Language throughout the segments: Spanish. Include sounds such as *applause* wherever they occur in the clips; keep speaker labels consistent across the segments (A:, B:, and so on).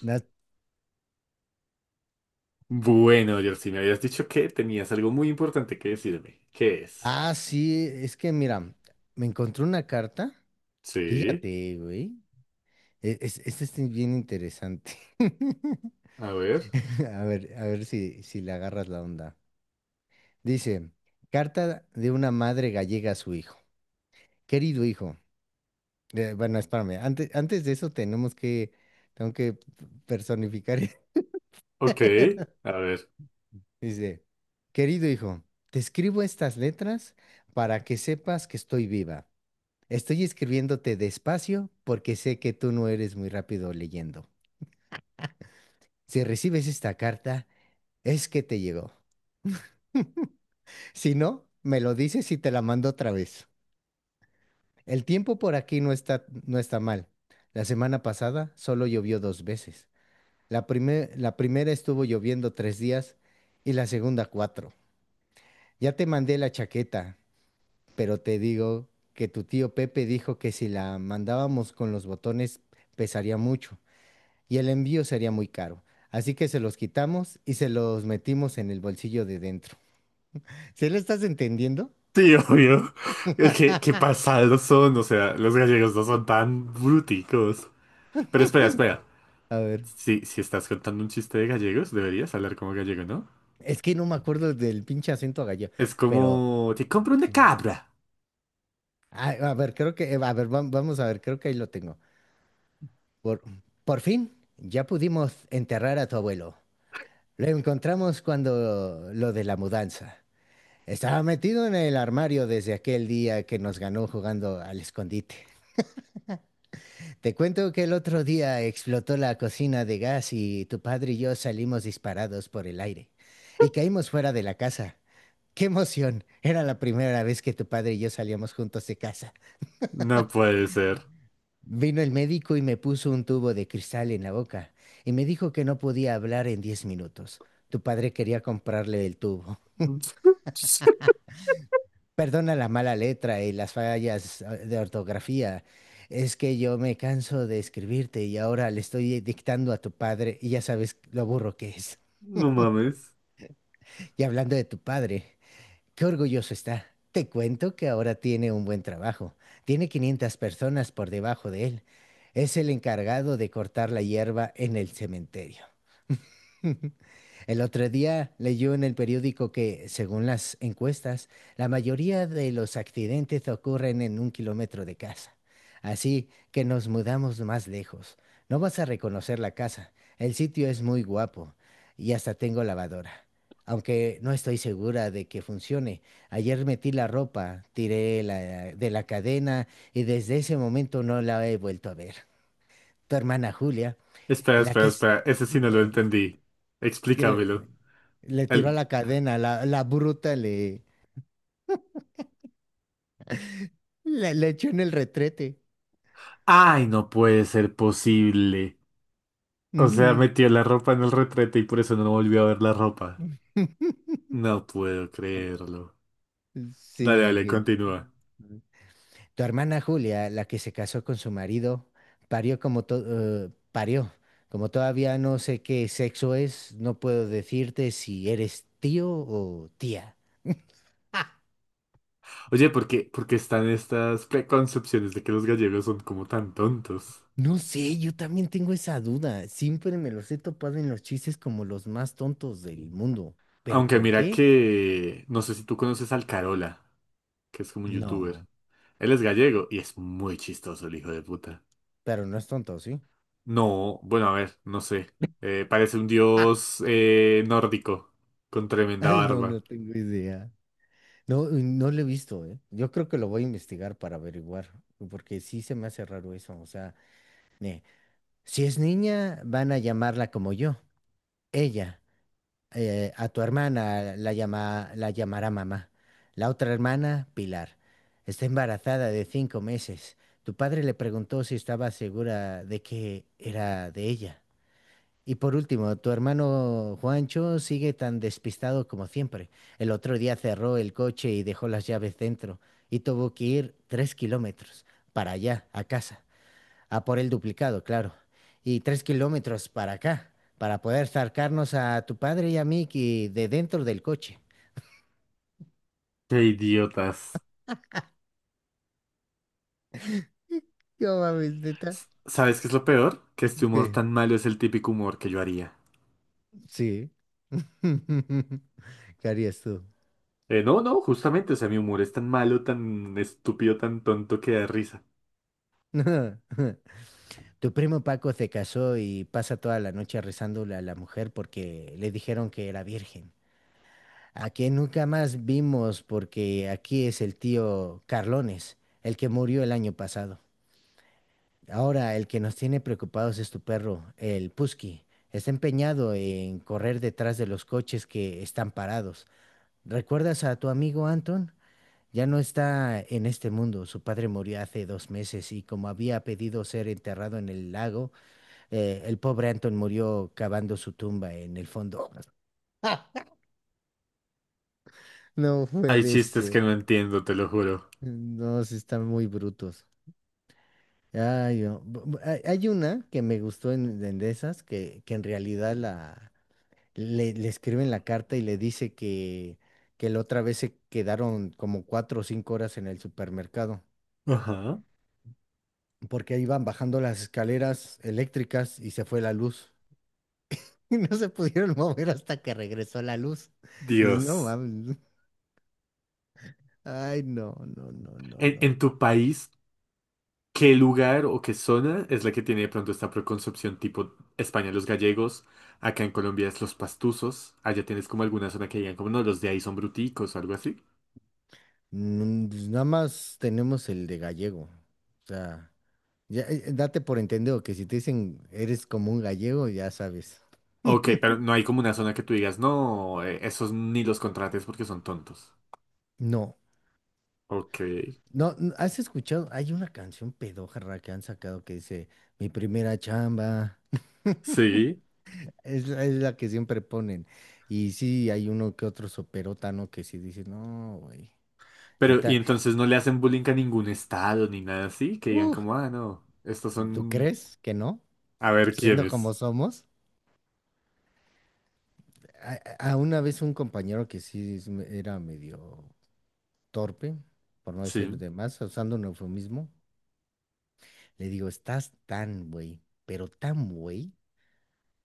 A: Na-
B: Bueno, Jersey, me habías dicho que tenías algo muy importante que decirme. ¿Qué es?
A: Ah, sí, es que mira, me encontré una carta.
B: Sí,
A: Fíjate, güey. Esta es bien interesante. *laughs*
B: a ver.
A: A ver si le agarras la onda. Dice, carta de una madre gallega a su hijo. Querido hijo. Bueno, espérame. Antes de eso tengo que personificar. *laughs*
B: Ok, a ver.
A: Dice, querido hijo, te escribo estas letras para que sepas que estoy viva. Estoy escribiéndote despacio porque sé que tú no eres muy rápido leyendo. Si recibes esta carta, es que te llegó. Si no, me lo dices y te la mando otra vez. El tiempo por aquí no está mal. La semana pasada solo llovió dos veces. La primera estuvo lloviendo 3 días y la segunda cuatro. Ya te mandé la chaqueta, pero te digo que tu tío Pepe dijo que si la mandábamos con los botones pesaría mucho. Y el envío sería muy caro. Así que se los quitamos y se los metimos en el bolsillo de dentro. *laughs* ¿Se lo estás entendiendo?
B: Sí, *laughs* obvio. Es que, qué pasados son, o sea, los gallegos no son tan bruticos. Pero espera, espera.
A: A ver,
B: Si, si estás contando un chiste de gallegos, deberías hablar como gallego, ¿no?
A: es que no me acuerdo del pinche acento gallo,
B: Es
A: pero
B: como, te compro una
A: sí.
B: cabra.
A: Ah, a ver, creo que, a ver, vamos a ver, creo que ahí lo tengo. Por, por fin, ya pudimos enterrar a tu abuelo. Lo encontramos cuando lo de la mudanza. Estaba metido en el armario desde aquel día que nos ganó jugando al escondite. Te cuento que el otro día explotó la cocina de gas y tu padre y yo salimos disparados por el aire y caímos fuera de la casa. ¡Qué emoción! Era la primera vez que tu padre y yo salíamos juntos de casa.
B: No puede ser.
A: Vino el médico y me puso un tubo de cristal en la boca y me dijo que no podía hablar en 10 minutos. Tu padre quería comprarle el tubo.
B: *laughs*
A: Perdona la mala letra y las fallas de ortografía. Es que yo me canso de escribirte y ahora le estoy dictando a tu padre y ya sabes lo burro que es. *laughs*
B: No mames.
A: Y hablando de tu padre, qué orgulloso está. Te cuento que ahora tiene un buen trabajo. Tiene 500 personas por debajo de él. Es el encargado de cortar la hierba en el cementerio. *laughs* El otro día leyó en el periódico que, según las encuestas, la mayoría de los accidentes ocurren en 1 kilómetro de casa. Así que nos mudamos más lejos. No vas a reconocer la casa. El sitio es muy guapo y hasta tengo lavadora. Aunque no estoy segura de que funcione. Ayer metí la ropa, tiré de la cadena y desde ese momento no la he vuelto a ver. Tu hermana Julia,
B: Espera,
A: la
B: espera,
A: que es...
B: espera. Ese sí no lo
A: *laughs*
B: entendí.
A: que
B: Explícamelo.
A: le tiró a
B: El-
A: la cadena, la bruta le echó en el retrete.
B: Ay, no puede ser posible. O sea,
A: Ujú.
B: metió la ropa en el retrete y por eso no volvió a ver la ropa.
A: *laughs*
B: No puedo creerlo.
A: Sí,
B: Dale, dale,
A: imagínate.
B: continúa.
A: Tu hermana Julia, la que se casó con su marido, parió como parió. Como todavía no sé qué sexo es, no puedo decirte si eres tío o tía. ¡Ah!
B: Oye, por qué están estas preconcepciones de que los gallegos son como tan tontos?
A: No sé, yo también tengo esa duda. Siempre me los he topado en los chistes como los más tontos del mundo. ¿Pero
B: Aunque
A: por
B: mira
A: qué?
B: que... No sé si tú conoces al Carola, que es como un youtuber.
A: No.
B: Él es gallego y es muy chistoso el hijo de puta.
A: Pero no es tonto, ¿sí?
B: No, bueno, a ver, no sé. Parece un
A: *laughs*
B: dios nórdico con tremenda
A: Ay, no,
B: barba.
A: no tengo idea. No, no lo he visto, ¿eh? Yo creo que lo voy a investigar para averiguar, porque sí se me hace raro eso. O sea, ne- si es niña, van a llamarla como yo. Ella, a tu hermana la llamará mamá. La otra hermana, Pilar. Está embarazada de 5 meses. Tu padre le preguntó si estaba segura de que era de ella. Y por último, tu hermano Juancho sigue tan despistado como siempre. El otro día cerró el coche y dejó las llaves dentro y tuvo que ir 3 kilómetros para allá, a casa, a por el duplicado, claro, y 3 kilómetros para acá, para poder sacarnos a tu padre y a mí de dentro del coche.
B: Qué idiotas.
A: *laughs* No mames, neta.
B: S- ¿Sabes qué es lo peor? Que este humor
A: ¿Qué?
B: tan malo es el típico humor que yo haría.
A: Sí. *laughs* ¿Qué harías tú?
B: No, no, justamente, o sea, mi humor es tan malo, tan estúpido, tan tonto que da risa.
A: *laughs* Tu primo Paco se casó y pasa toda la noche rezándole a la mujer porque le dijeron que era virgen. A que nunca más vimos porque aquí es el tío Carlones, el que murió el año pasado. Ahora el que nos tiene preocupados es tu perro, el Pusky. Está empeñado en correr detrás de los coches que están parados. ¿Recuerdas a tu amigo Anton? Ya no está en este mundo. Su padre murió hace 2 meses y como había pedido ser enterrado en el lago, el pobre Anton murió cavando su tumba en el fondo. *laughs* No
B: Hay
A: puede
B: chistes que
A: ser.
B: no entiendo, te lo juro.
A: No, sí están muy brutos. Ay, no. Hay una que me gustó en de esas, que en realidad le escriben la carta y le dice que la otra vez se quedaron como 4 o 5 horas en el supermercado,
B: Ajá.
A: porque iban bajando las escaleras eléctricas y se fue la luz. *laughs* Y no se pudieron mover hasta que regresó la luz. Dices, no
B: Dios.
A: mames. Ay, no, no, no, no,
B: En,
A: no.
B: en tu país, ¿qué lugar o qué zona es la que tiene de pronto esta preconcepción tipo España, los gallegos? Acá en Colombia es los pastuzos. Allá tienes como alguna zona que digan como no, los de ahí son bruticos o algo así.
A: Mm, pues nada más tenemos el de gallego. O sea, ya, date por entendido que si te dicen eres como un gallego, ya sabes.
B: Ok, pero no hay como una zona que tú digas, no, esos ni los contrates porque son tontos.
A: No,
B: Ok,
A: no, ¿has escuchado? Hay una canción pedójarra que han sacado que dice, mi primera chamba. *laughs*
B: sí.
A: La es la que siempre ponen. Y sí, hay uno que otro soperotano que sí dice, no, güey.
B: Pero, ¿y
A: Neta,
B: entonces no le hacen bullying a ningún estado ni nada así? Que digan
A: uh,
B: como, ah, no, estos
A: ¿tú
B: son...
A: crees que no?
B: A ver
A: Siendo
B: quiénes.
A: como somos. A, a una vez un compañero que sí era medio torpe, por no decir
B: Sí.
A: de más, usando un eufemismo, le digo, estás tan güey, pero tan güey,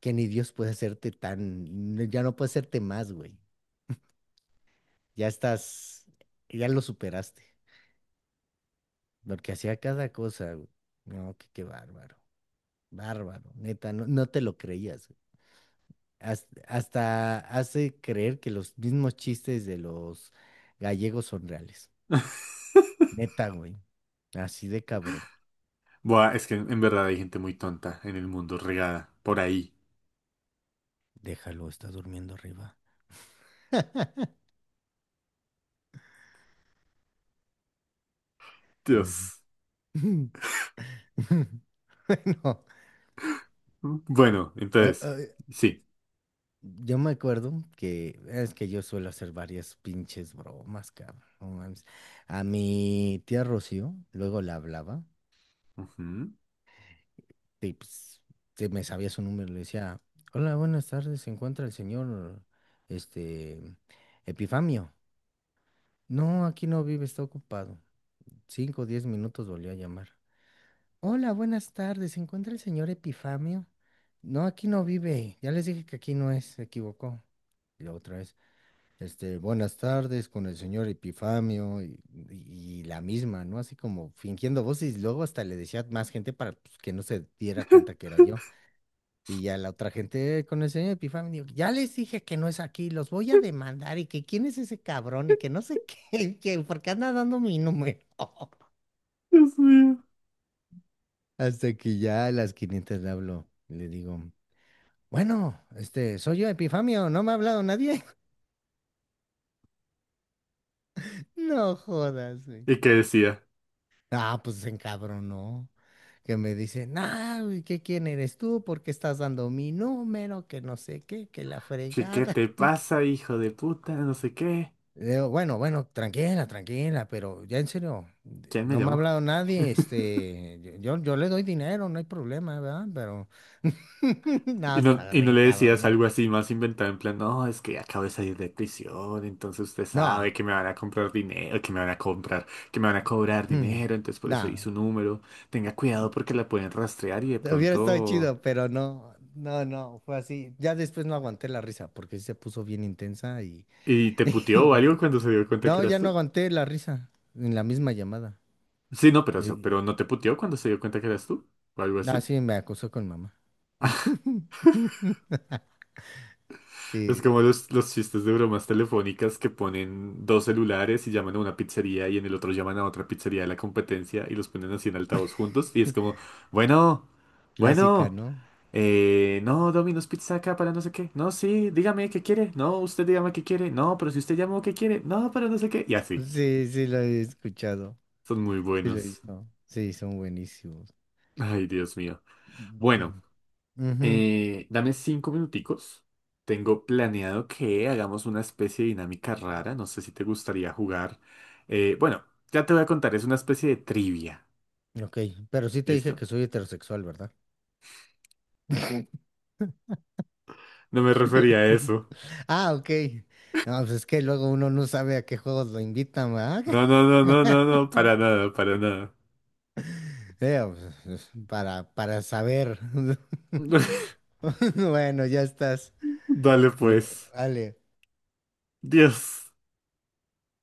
A: que ni Dios puede hacerte tan, ya no puede hacerte más güey, ya estás, ya lo superaste, porque hacía cada cosa, güey. No, que qué bárbaro, bárbaro, neta, no, no te lo creías, güey. Hasta hace creer que los mismos chistes de los gallegos son reales.
B: *laughs*
A: Neta, güey. Así de cabrón.
B: Buah, es que en verdad hay gente muy tonta en el mundo, regada, por ahí.
A: Déjalo, está durmiendo arriba. Ujú.
B: Dios.
A: *laughs* Bueno,
B: Bueno,
A: o-
B: entonces,
A: eh,
B: sí.
A: yo me acuerdo que es que yo suelo hacer varias pinches bromas, cabrón. No mames. A mi tía Rocío, luego la hablaba,
B: Ujú.
A: y pues se me sabía su número, le decía, hola, buenas tardes, se encuentra el señor, este, Epifamio. No, aquí no vive, está ocupado. 5 o 10 minutos volvió a llamar. Hola, buenas tardes. ¿Se encuentra el señor Epifamio? No, aquí no vive. Ya les dije que aquí no es, se equivocó. Y la otra vez, este, buenas tardes con el señor Epifamio y, y la misma, ¿no? Así como fingiendo voces y luego hasta le decía más gente para pues, que no se diera cuenta que era yo. Y ya la otra gente con el señor Epifamio, ya les dije que no es aquí, los voy a demandar y que quién es ese cabrón y que no sé qué, *laughs* que por qué anda dando mi número". *laughs*
B: Dios mío.
A: Hasta que ya a las 500 le hablo, le digo. Bueno, este, soy yo, Epifamio, no me ha hablado nadie. *laughs* No jodas, güey.
B: ¿Y qué decía?
A: Ah, pues se encabronó. Que me dice, nah, güey, ¿qué quién eres tú? ¿Por qué estás dando mi número? Que no sé qué, que la
B: ¿Qué, qué
A: fregada.
B: te pasa, hijo de puta? No sé qué.
A: Le digo, bueno, bueno, tranquila, tranquila, pero ya en serio,
B: ¿Quién me
A: no me ha
B: llamó?
A: hablado nadie,
B: *laughs*
A: este, yo le doy dinero, no hay problema, ¿verdad? Pero, *laughs* no, estaba
B: Y
A: re
B: no le decías
A: encabrona.
B: algo así más inventado, en plan, no, es que acabo de salir de prisión, entonces usted
A: No,
B: sabe que me van a comprar dinero, que me van a comprar, que me van a cobrar dinero, entonces
A: *clears throat*
B: por eso di
A: no.
B: su número. Tenga cuidado porque la pueden rastrear y de
A: Hubiera estado
B: pronto...
A: chido, pero no, no, no, fue así. Ya después no aguanté la risa porque sí se puso bien intensa y...
B: ¿Y te puteó o
A: *laughs*
B: algo cuando se dio cuenta que
A: No,
B: eras
A: ya no
B: tú?
A: aguanté la risa en la misma llamada.
B: Sí, no, pero, eso-
A: Eh,
B: pero no te puteó cuando se dio cuenta que eras tú, o algo así.
A: sí, me acosó con mamá.
B: Es
A: Sí,
B: como los chistes de bromas telefónicas que ponen dos celulares y llaman a una pizzería y en el otro llaman a otra pizzería de la competencia y los ponen así en altavoz juntos y es como, bueno,
A: clásica,
B: bueno,
A: ¿no?
B: no, Domino's Pizza acá para no sé qué, no, sí, dígame qué quiere, no, usted dígame qué quiere, no, pero si usted llamó qué quiere, no, pero no sé qué, y así,
A: Sí, sí, lo he escuchado.
B: son muy
A: Sí, lo he
B: buenos.
A: visto. Sí, son buenísimos.
B: Ay, Dios mío.
A: Mm,
B: Bueno.
A: mm.
B: Dame 5 minuticos. Tengo planeado que hagamos una especie de dinámica rara. No sé si te gustaría jugar. Bueno, ya te voy a contar. Es una especie de trivia.
A: Ujú, ok, pero sí te dije
B: ¿Listo?
A: que soy heterosexual, ¿verdad?
B: No me refería a
A: *laughs*
B: eso.
A: Ah, ok. No, pues es que luego uno no sabe a qué juegos lo invitan, ¿verdad?
B: No, no, no, no, no, no. Para nada, para nada.
A: Sí, pues, para saber. *laughs*
B: *laughs*
A: Bueno, ya estás.
B: Dale
A: Uh,
B: pues.
A: vale
B: Dios.